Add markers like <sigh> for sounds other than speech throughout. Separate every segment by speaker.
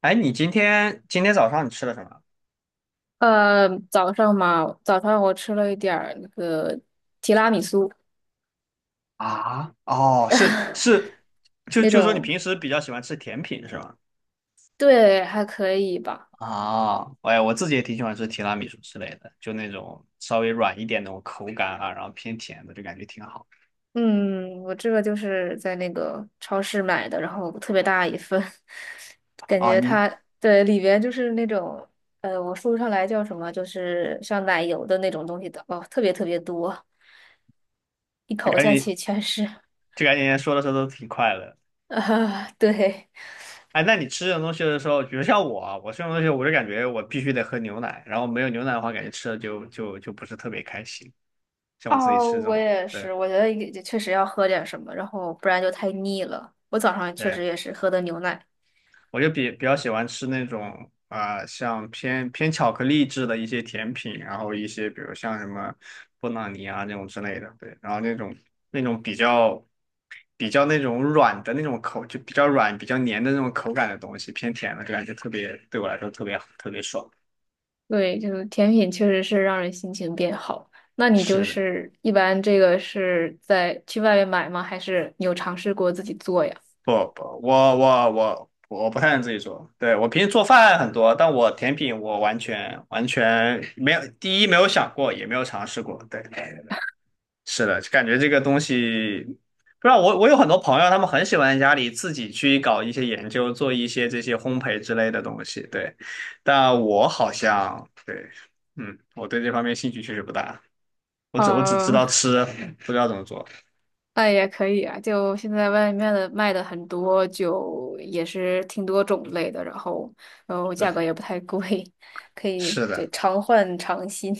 Speaker 1: 哎，你今天早上你吃了什么？
Speaker 2: 早上嘛，早上我吃了一点儿那个提拉米苏。
Speaker 1: 啊哦，是
Speaker 2: <laughs>
Speaker 1: 是，就
Speaker 2: 那
Speaker 1: 就说你
Speaker 2: 种，
Speaker 1: 平时比较喜欢吃甜品是吗？
Speaker 2: 对，还可以吧。
Speaker 1: 啊，哎，我自己也挺喜欢吃提拉米苏之类的，就那种稍微软一点那种口感啊，然后偏甜的，就感觉挺好
Speaker 2: 嗯，我这个就是在那个超市买的，然后特别大一份，<laughs> 感
Speaker 1: 啊。
Speaker 2: 觉
Speaker 1: 你
Speaker 2: 它对里边就是那种，我说不上来叫什么，就是像奶油的那种东西的，哦，特别特别多，一
Speaker 1: 就
Speaker 2: 口
Speaker 1: 感
Speaker 2: 下
Speaker 1: 觉
Speaker 2: 去全是，
Speaker 1: 就感觉说的时候都挺快乐。
Speaker 2: <laughs> 啊，对。
Speaker 1: 哎，那你吃这种东西的时候，比如像我啊我吃这种东西，我就感觉我必须得喝牛奶，然后没有牛奶的话，感觉吃的就不是特别开心。像我自己
Speaker 2: 哦，
Speaker 1: 吃这
Speaker 2: 我
Speaker 1: 种，
Speaker 2: 也
Speaker 1: 对
Speaker 2: 是，我觉得也确实要喝点什么，然后不然就太腻了。我早上确
Speaker 1: 对。
Speaker 2: 实也是喝的牛奶。
Speaker 1: 我就比较喜欢吃那种啊、像偏巧克力制的一些甜品，然后一些比如像什么布朗尼啊那种之类的，对，然后那种比较那种软的那种口，就比较软、比较黏的那种口感的东西，偏甜的，就感觉特别对我来说特别特别爽。
Speaker 2: 对，就是甜品确实是让人心情变好。那你就
Speaker 1: 是的，
Speaker 2: 是一般这个是在去外面买吗？还是你有尝试过自己做呀？
Speaker 1: 不不，我不太能自己做，对，我平时做饭很多，但我甜品我完全完全没有，第一没有想过，也没有尝试过，对。是的，感觉这个东西，不知道我有很多朋友，他们很喜欢家里自己去搞一些研究，做一些这些烘焙之类的东西。对，但我好像对，嗯，我对这方面兴趣确实不大。我只知
Speaker 2: 啊，
Speaker 1: 道吃，不知道怎么做。
Speaker 2: <laughs> 那也可以啊。就现在外面的卖的很多，就也是挺多种类的，然后，然后
Speaker 1: 对，
Speaker 2: 价格也不太贵，<laughs> 可以，
Speaker 1: 是的。
Speaker 2: 对，常换常新。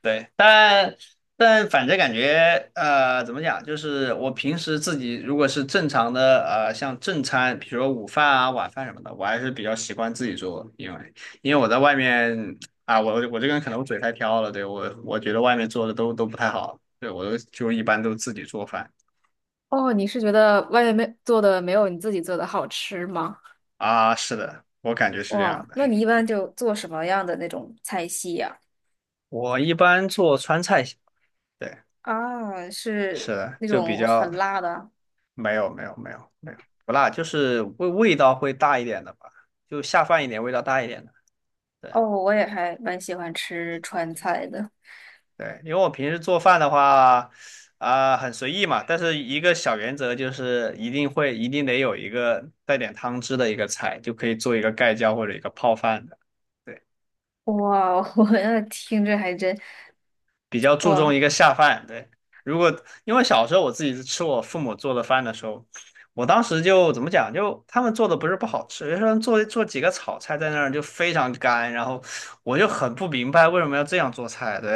Speaker 1: 对，但但反正感觉怎么讲，就是我平时自己如果是正常的像正餐，比如说午饭啊、晚饭什么的，我还是比较习惯自己做，因为因为我在外面啊，我这个人可能我嘴太挑了，对，我觉得外面做的都不太好，对，我都就一般都自己做饭
Speaker 2: 哦，你是觉得外面没做的没有你自己做的好吃吗？
Speaker 1: 啊，是的，我感觉是这样
Speaker 2: 哇，
Speaker 1: 的，
Speaker 2: 那你一般就做什么样的那种菜系呀？
Speaker 1: 我一般做川菜，对，
Speaker 2: 啊，是
Speaker 1: 是的，
Speaker 2: 那
Speaker 1: 就比
Speaker 2: 种
Speaker 1: 较
Speaker 2: 很辣的。
Speaker 1: 没有没有没有没有不辣，就是味道会大一点的吧，就下饭一点，味道大一点的。对
Speaker 2: 哦，我也还蛮喜欢吃川菜的。
Speaker 1: 对，因为我平时做饭的话，啊、很随意嘛，但是一个小原则就是一定会一定得有一个带点汤汁的一个菜，就可以做一个盖浇或者一个泡饭的。对。
Speaker 2: 哇，<laughs> 我那听着还真，
Speaker 1: 比较注重
Speaker 2: 哇
Speaker 1: 一个下饭。对，如果因为小时候我自己吃我父母做的饭的时候，我当时就怎么讲，就他们做的不是不好吃，有时候做几个炒菜在那儿就非常干，然后我就很不明白为什么要这样做菜。对，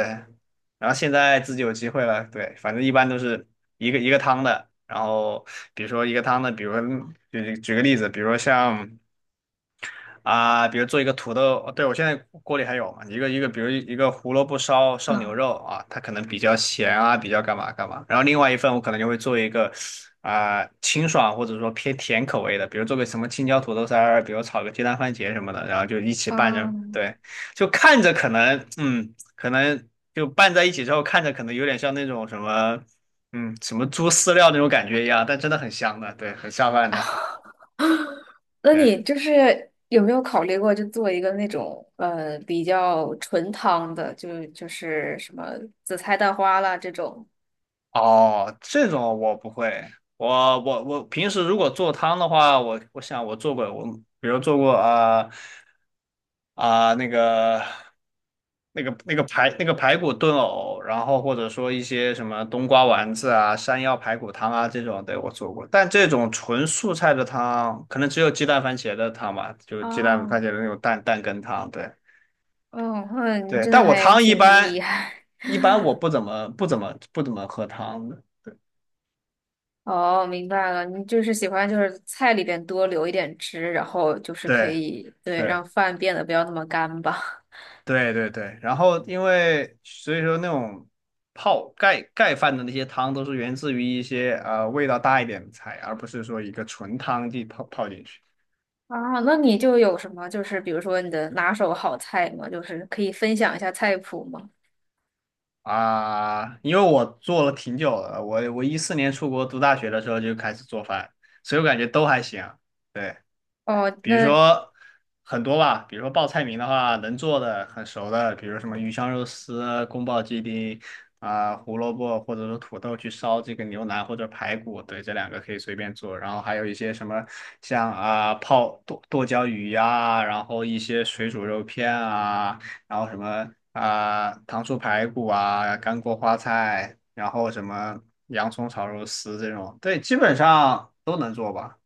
Speaker 1: 然后现在自己有机会了，对，反正一般都是一个一个汤的，然后比如说一个汤的，比如说嗯举个例子，比如说像。啊，比如做一个土豆，对，我现在锅里还有嘛，一个一个，比如一个胡萝卜烧
Speaker 2: 啊
Speaker 1: 牛肉啊，它可能比较咸啊，比较干嘛干嘛。然后另外一份我可能就会做一个啊、清爽或者说偏甜口味的，比如做个什么青椒土豆丝儿，比如炒个鸡蛋番茄什么的，然后就一起拌
Speaker 2: 啊！
Speaker 1: 着，对，就看着可能嗯，可能就拌在一起之后，看着可能有点像那种什么嗯什么猪饲料那种感觉一样，但真的很香的，对，很下饭的。
Speaker 2: <laughs> 那
Speaker 1: 对。
Speaker 2: 你就是有没有考虑过，就做一个那种比较纯汤的，就是什么紫菜蛋花啦这种？
Speaker 1: 哦，这种我不会。我平时如果做汤的话，我想我做过，我比如做过啊啊、那个那个那个排那个排骨炖藕，然后或者说一些什么冬瓜丸子啊、山药排骨汤啊这种，对，我做过。但这种纯素菜的汤，可能只有鸡蛋番茄的汤吧，就鸡蛋番茄
Speaker 2: 啊？
Speaker 1: 的那种蛋羹汤，对
Speaker 2: 哦，那你
Speaker 1: 对。
Speaker 2: 真的
Speaker 1: 但我
Speaker 2: 还
Speaker 1: 汤一
Speaker 2: 挺厉
Speaker 1: 般
Speaker 2: 害。
Speaker 1: 一般我不怎么喝汤的，
Speaker 2: <laughs> 哦，明白了，你就是喜欢就是菜里边多留一点汁，然后就是可
Speaker 1: 对。
Speaker 2: 以，对，
Speaker 1: 对
Speaker 2: 让饭变得不要那么干吧。
Speaker 1: 对对对，然后因为所以说那种泡盖饭的那些汤都是源自于一些味道大一点的菜，而不是说一个纯汤地泡进去
Speaker 2: <laughs> 啊，那你就有什么就是比如说你的拿手好菜吗？就是可以分享一下菜谱吗？
Speaker 1: 啊。因为我做了挺久了，我2014年出国读大学的时候就开始做饭，所以我感觉都还行。对。
Speaker 2: 哦，
Speaker 1: 比如
Speaker 2: 那
Speaker 1: 说很多吧，比如说报菜名的话，能做的很熟的，比如什么鱼香肉丝啊、宫保鸡丁啊、胡萝卜或者说土豆去烧这个牛腩或者排骨，对，这两个可以随便做。然后还有一些什么像啊、泡剁椒鱼呀、然后一些水煮肉片啊，然后什么啊、糖醋排骨啊、干锅花菜，然后什么洋葱炒肉丝这种，对，基本上都能做吧。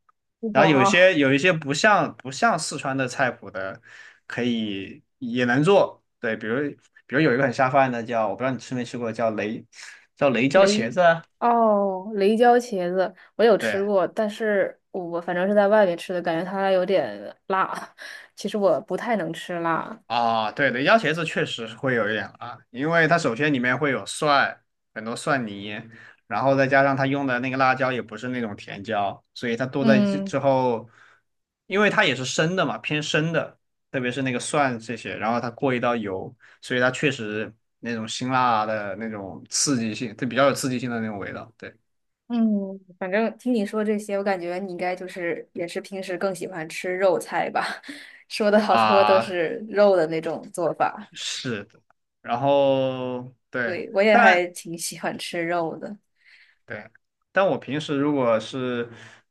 Speaker 1: 然后有
Speaker 2: 哇，
Speaker 1: 些有一些不像四川的菜谱的，可以也能做。对，比如比如有一个很下饭的叫，我不知道你吃没吃过，叫雷椒茄
Speaker 2: 雷，
Speaker 1: 子啊
Speaker 2: 哦，雷椒茄子我有吃
Speaker 1: 对，
Speaker 2: 过，但是我反正是在外面吃的，感觉它有点辣。<laughs> 其实我不太能吃辣。
Speaker 1: 啊，对的，鸭茄子确实会有一点辣，因为它首先里面会有蒜，很多蒜泥，然后再加上它用的那个辣椒也不是那种甜椒，所以它剁在一起
Speaker 2: 嗯。
Speaker 1: 之后，因为它也是生的嘛，偏生的，特别是那个蒜这些，然后它过一道油，所以它确实那种辛辣的那种刺激性，它比较有刺激性的那种味道，对
Speaker 2: 嗯，反正听你说这些，我感觉你应该就是也是平时更喜欢吃肉菜吧？<laughs> 说的好多都
Speaker 1: 啊，
Speaker 2: 是肉的那种做法。
Speaker 1: 是的，然后对。
Speaker 2: 对，我也
Speaker 1: 但。
Speaker 2: 还挺喜欢吃肉的。
Speaker 1: 对，但我平时如果是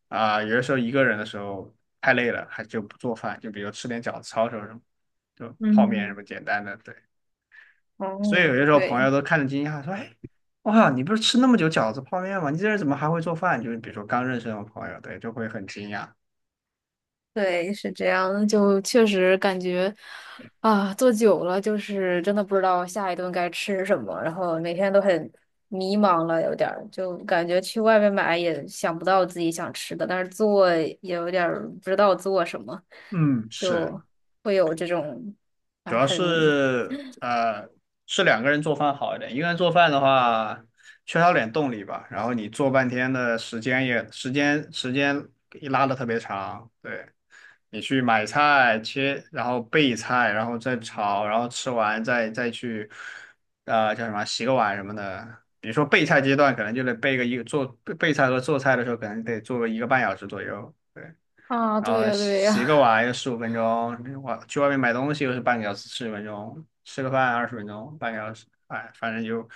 Speaker 1: 啊、有的时候一个人的时候太累了，还就不做饭，就比如吃点饺子、抄手什么，就泡面什
Speaker 2: 嗯。
Speaker 1: 么简单的。对，所
Speaker 2: 哦。
Speaker 1: 以有些时候朋
Speaker 2: 对。
Speaker 1: 友都看着惊讶说：“哎，哇，你不是吃那么久饺子、泡面吗？你这人怎么还会做饭？”就是比如说刚认识那种朋友，对，就会很惊讶。
Speaker 2: 对，是这样的就确实感觉啊，坐久了就是真的不知道下一顿该吃什么，然后每天都很迷茫了，有点儿就感觉去外面买也想不到自己想吃的，但是做也有点儿不知道做什么，
Speaker 1: 嗯，是。
Speaker 2: 就会有这种
Speaker 1: 主
Speaker 2: 啊
Speaker 1: 要
Speaker 2: 很
Speaker 1: 是是两个人做饭好一点，一个人做饭的话缺少点动力吧，然后你做半天的时间也时间一拉的特别长，对你去买菜切，然后备菜，然后再炒，然后吃完再去叫什么洗个碗什么的。比如说备菜阶段，可能就得备个一个做备菜和做菜的时候，可能得做个一个半小时左右。对。
Speaker 2: 啊，
Speaker 1: 然
Speaker 2: 对
Speaker 1: 后
Speaker 2: 呀对
Speaker 1: 洗洗
Speaker 2: 呀。
Speaker 1: 个碗有15分钟，我去外面买东西又是半个小时，40分钟，吃个饭20分钟，半个小时，哎，反正就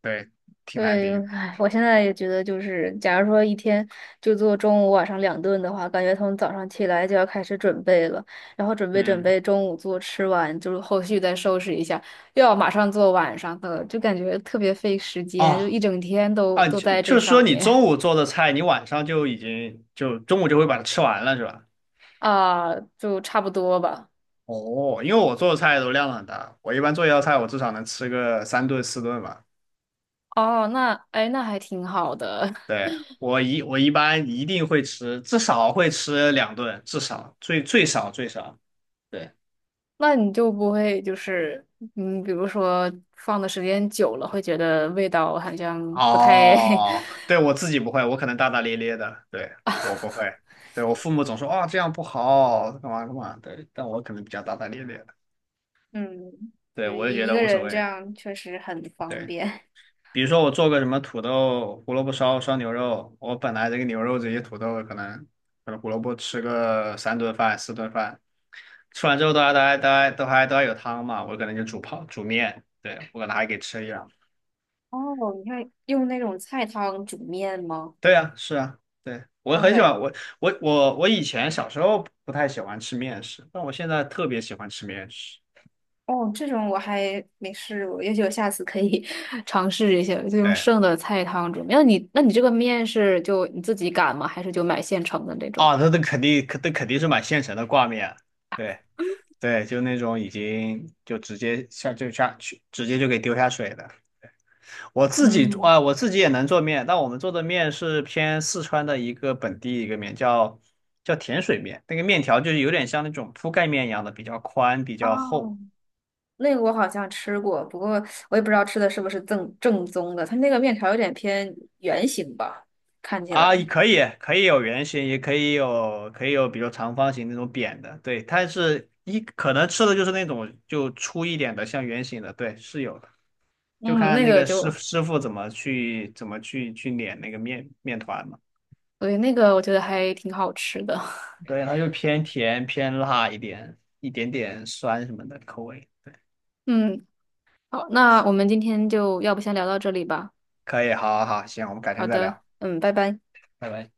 Speaker 1: 对，挺难
Speaker 2: 对，
Speaker 1: 顶的。
Speaker 2: 唉，我现在也觉得，就是假如说一天就做中午、晚上两顿的话，感觉从早上起来就要开始准备了，然后准备准
Speaker 1: 嗯，
Speaker 2: 备中午做，吃完就是后续再收拾一下，又要马上做晚上的，就感觉特别费时间，就
Speaker 1: 哦，
Speaker 2: 一整天都
Speaker 1: 啊，
Speaker 2: 都
Speaker 1: 就
Speaker 2: 在这
Speaker 1: 就是说
Speaker 2: 上
Speaker 1: 你
Speaker 2: 面。
Speaker 1: 中午做的菜，你晚上就已经就中午就会把它吃完了，是吧？
Speaker 2: 啊，就差不多吧。
Speaker 1: 哦，因为我做的菜都量很大，我一般做一道菜，我至少能吃个3顿4顿吧。
Speaker 2: 哦，那哎，那还挺好的，
Speaker 1: 对，我一般一定会吃，至少会吃2顿，至少最少。对。
Speaker 2: <laughs> 那你就不会就是嗯，比如说放的时间久了，会觉得味道好像不太 <laughs>。
Speaker 1: 哦，对，我自己不会，我可能大大咧咧的，对，我不会，对，我父母总说啊、这样不好，干嘛干嘛，对，但我可能比较大大咧咧的，
Speaker 2: 嗯，
Speaker 1: 对，
Speaker 2: 对，
Speaker 1: 我就觉
Speaker 2: 一
Speaker 1: 得
Speaker 2: 个
Speaker 1: 无所
Speaker 2: 人这
Speaker 1: 谓，
Speaker 2: 样确实很方
Speaker 1: 对，
Speaker 2: 便。<laughs>
Speaker 1: 比如说我做个什么土豆胡萝卜烧牛肉，我本来这个牛肉这些土豆可能胡萝卜吃个3顿饭4顿饭，吃完之后都还有汤嘛，我可能就煮面，对，我可能还给吃一两。
Speaker 2: 哦，你看用那种菜汤煮面吗？
Speaker 1: 对啊，是啊，对，我
Speaker 2: 哇
Speaker 1: 很喜
Speaker 2: 塞。
Speaker 1: 欢我以前小时候不太喜欢吃面食，但我现在特别喜欢吃面食。
Speaker 2: 哦，这种我还没试过，也许我下次可以 <laughs> 尝试一下，就用
Speaker 1: 对，
Speaker 2: 剩的菜汤煮面。那你这个面是就你自己擀吗？还是就买现成的那种？
Speaker 1: 啊，那肯定，那肯定是买现成的挂面。对对，就那种已经就直接下就下去，直接就给丢下水的。我自己
Speaker 2: 嗯。
Speaker 1: 啊，我自己也能做面，但我们做的面是偏四川的一个本地一个面，叫甜水面。那个面条就是有点像那种铺盖面一样的，比较宽，比较厚。
Speaker 2: 哦，那个我好像吃过，不过我也不知道吃的是不是正正宗的。它那个面条有点偏圆形吧，看起
Speaker 1: 啊，也
Speaker 2: 来。
Speaker 1: 可以，可以有圆形，也可以有，可以有，比如长方形那种扁的，对，它是一可能吃的就是那种就粗一点的，像圆形的，对，是有的，就
Speaker 2: 嗯，
Speaker 1: 看
Speaker 2: 那
Speaker 1: 那
Speaker 2: 个
Speaker 1: 个师
Speaker 2: 就
Speaker 1: 师傅怎么去去碾那个面团嘛，
Speaker 2: 对，那个我觉得还挺好吃的。<laughs>
Speaker 1: 对，它就偏甜偏辣一点，一点点酸什么的口味，
Speaker 2: 嗯，好，那我们今天就要不先聊到这里吧。
Speaker 1: 可以，好好好，行，我们改
Speaker 2: 好
Speaker 1: 天再
Speaker 2: 的，
Speaker 1: 聊，
Speaker 2: 嗯，拜拜。
Speaker 1: 拜拜。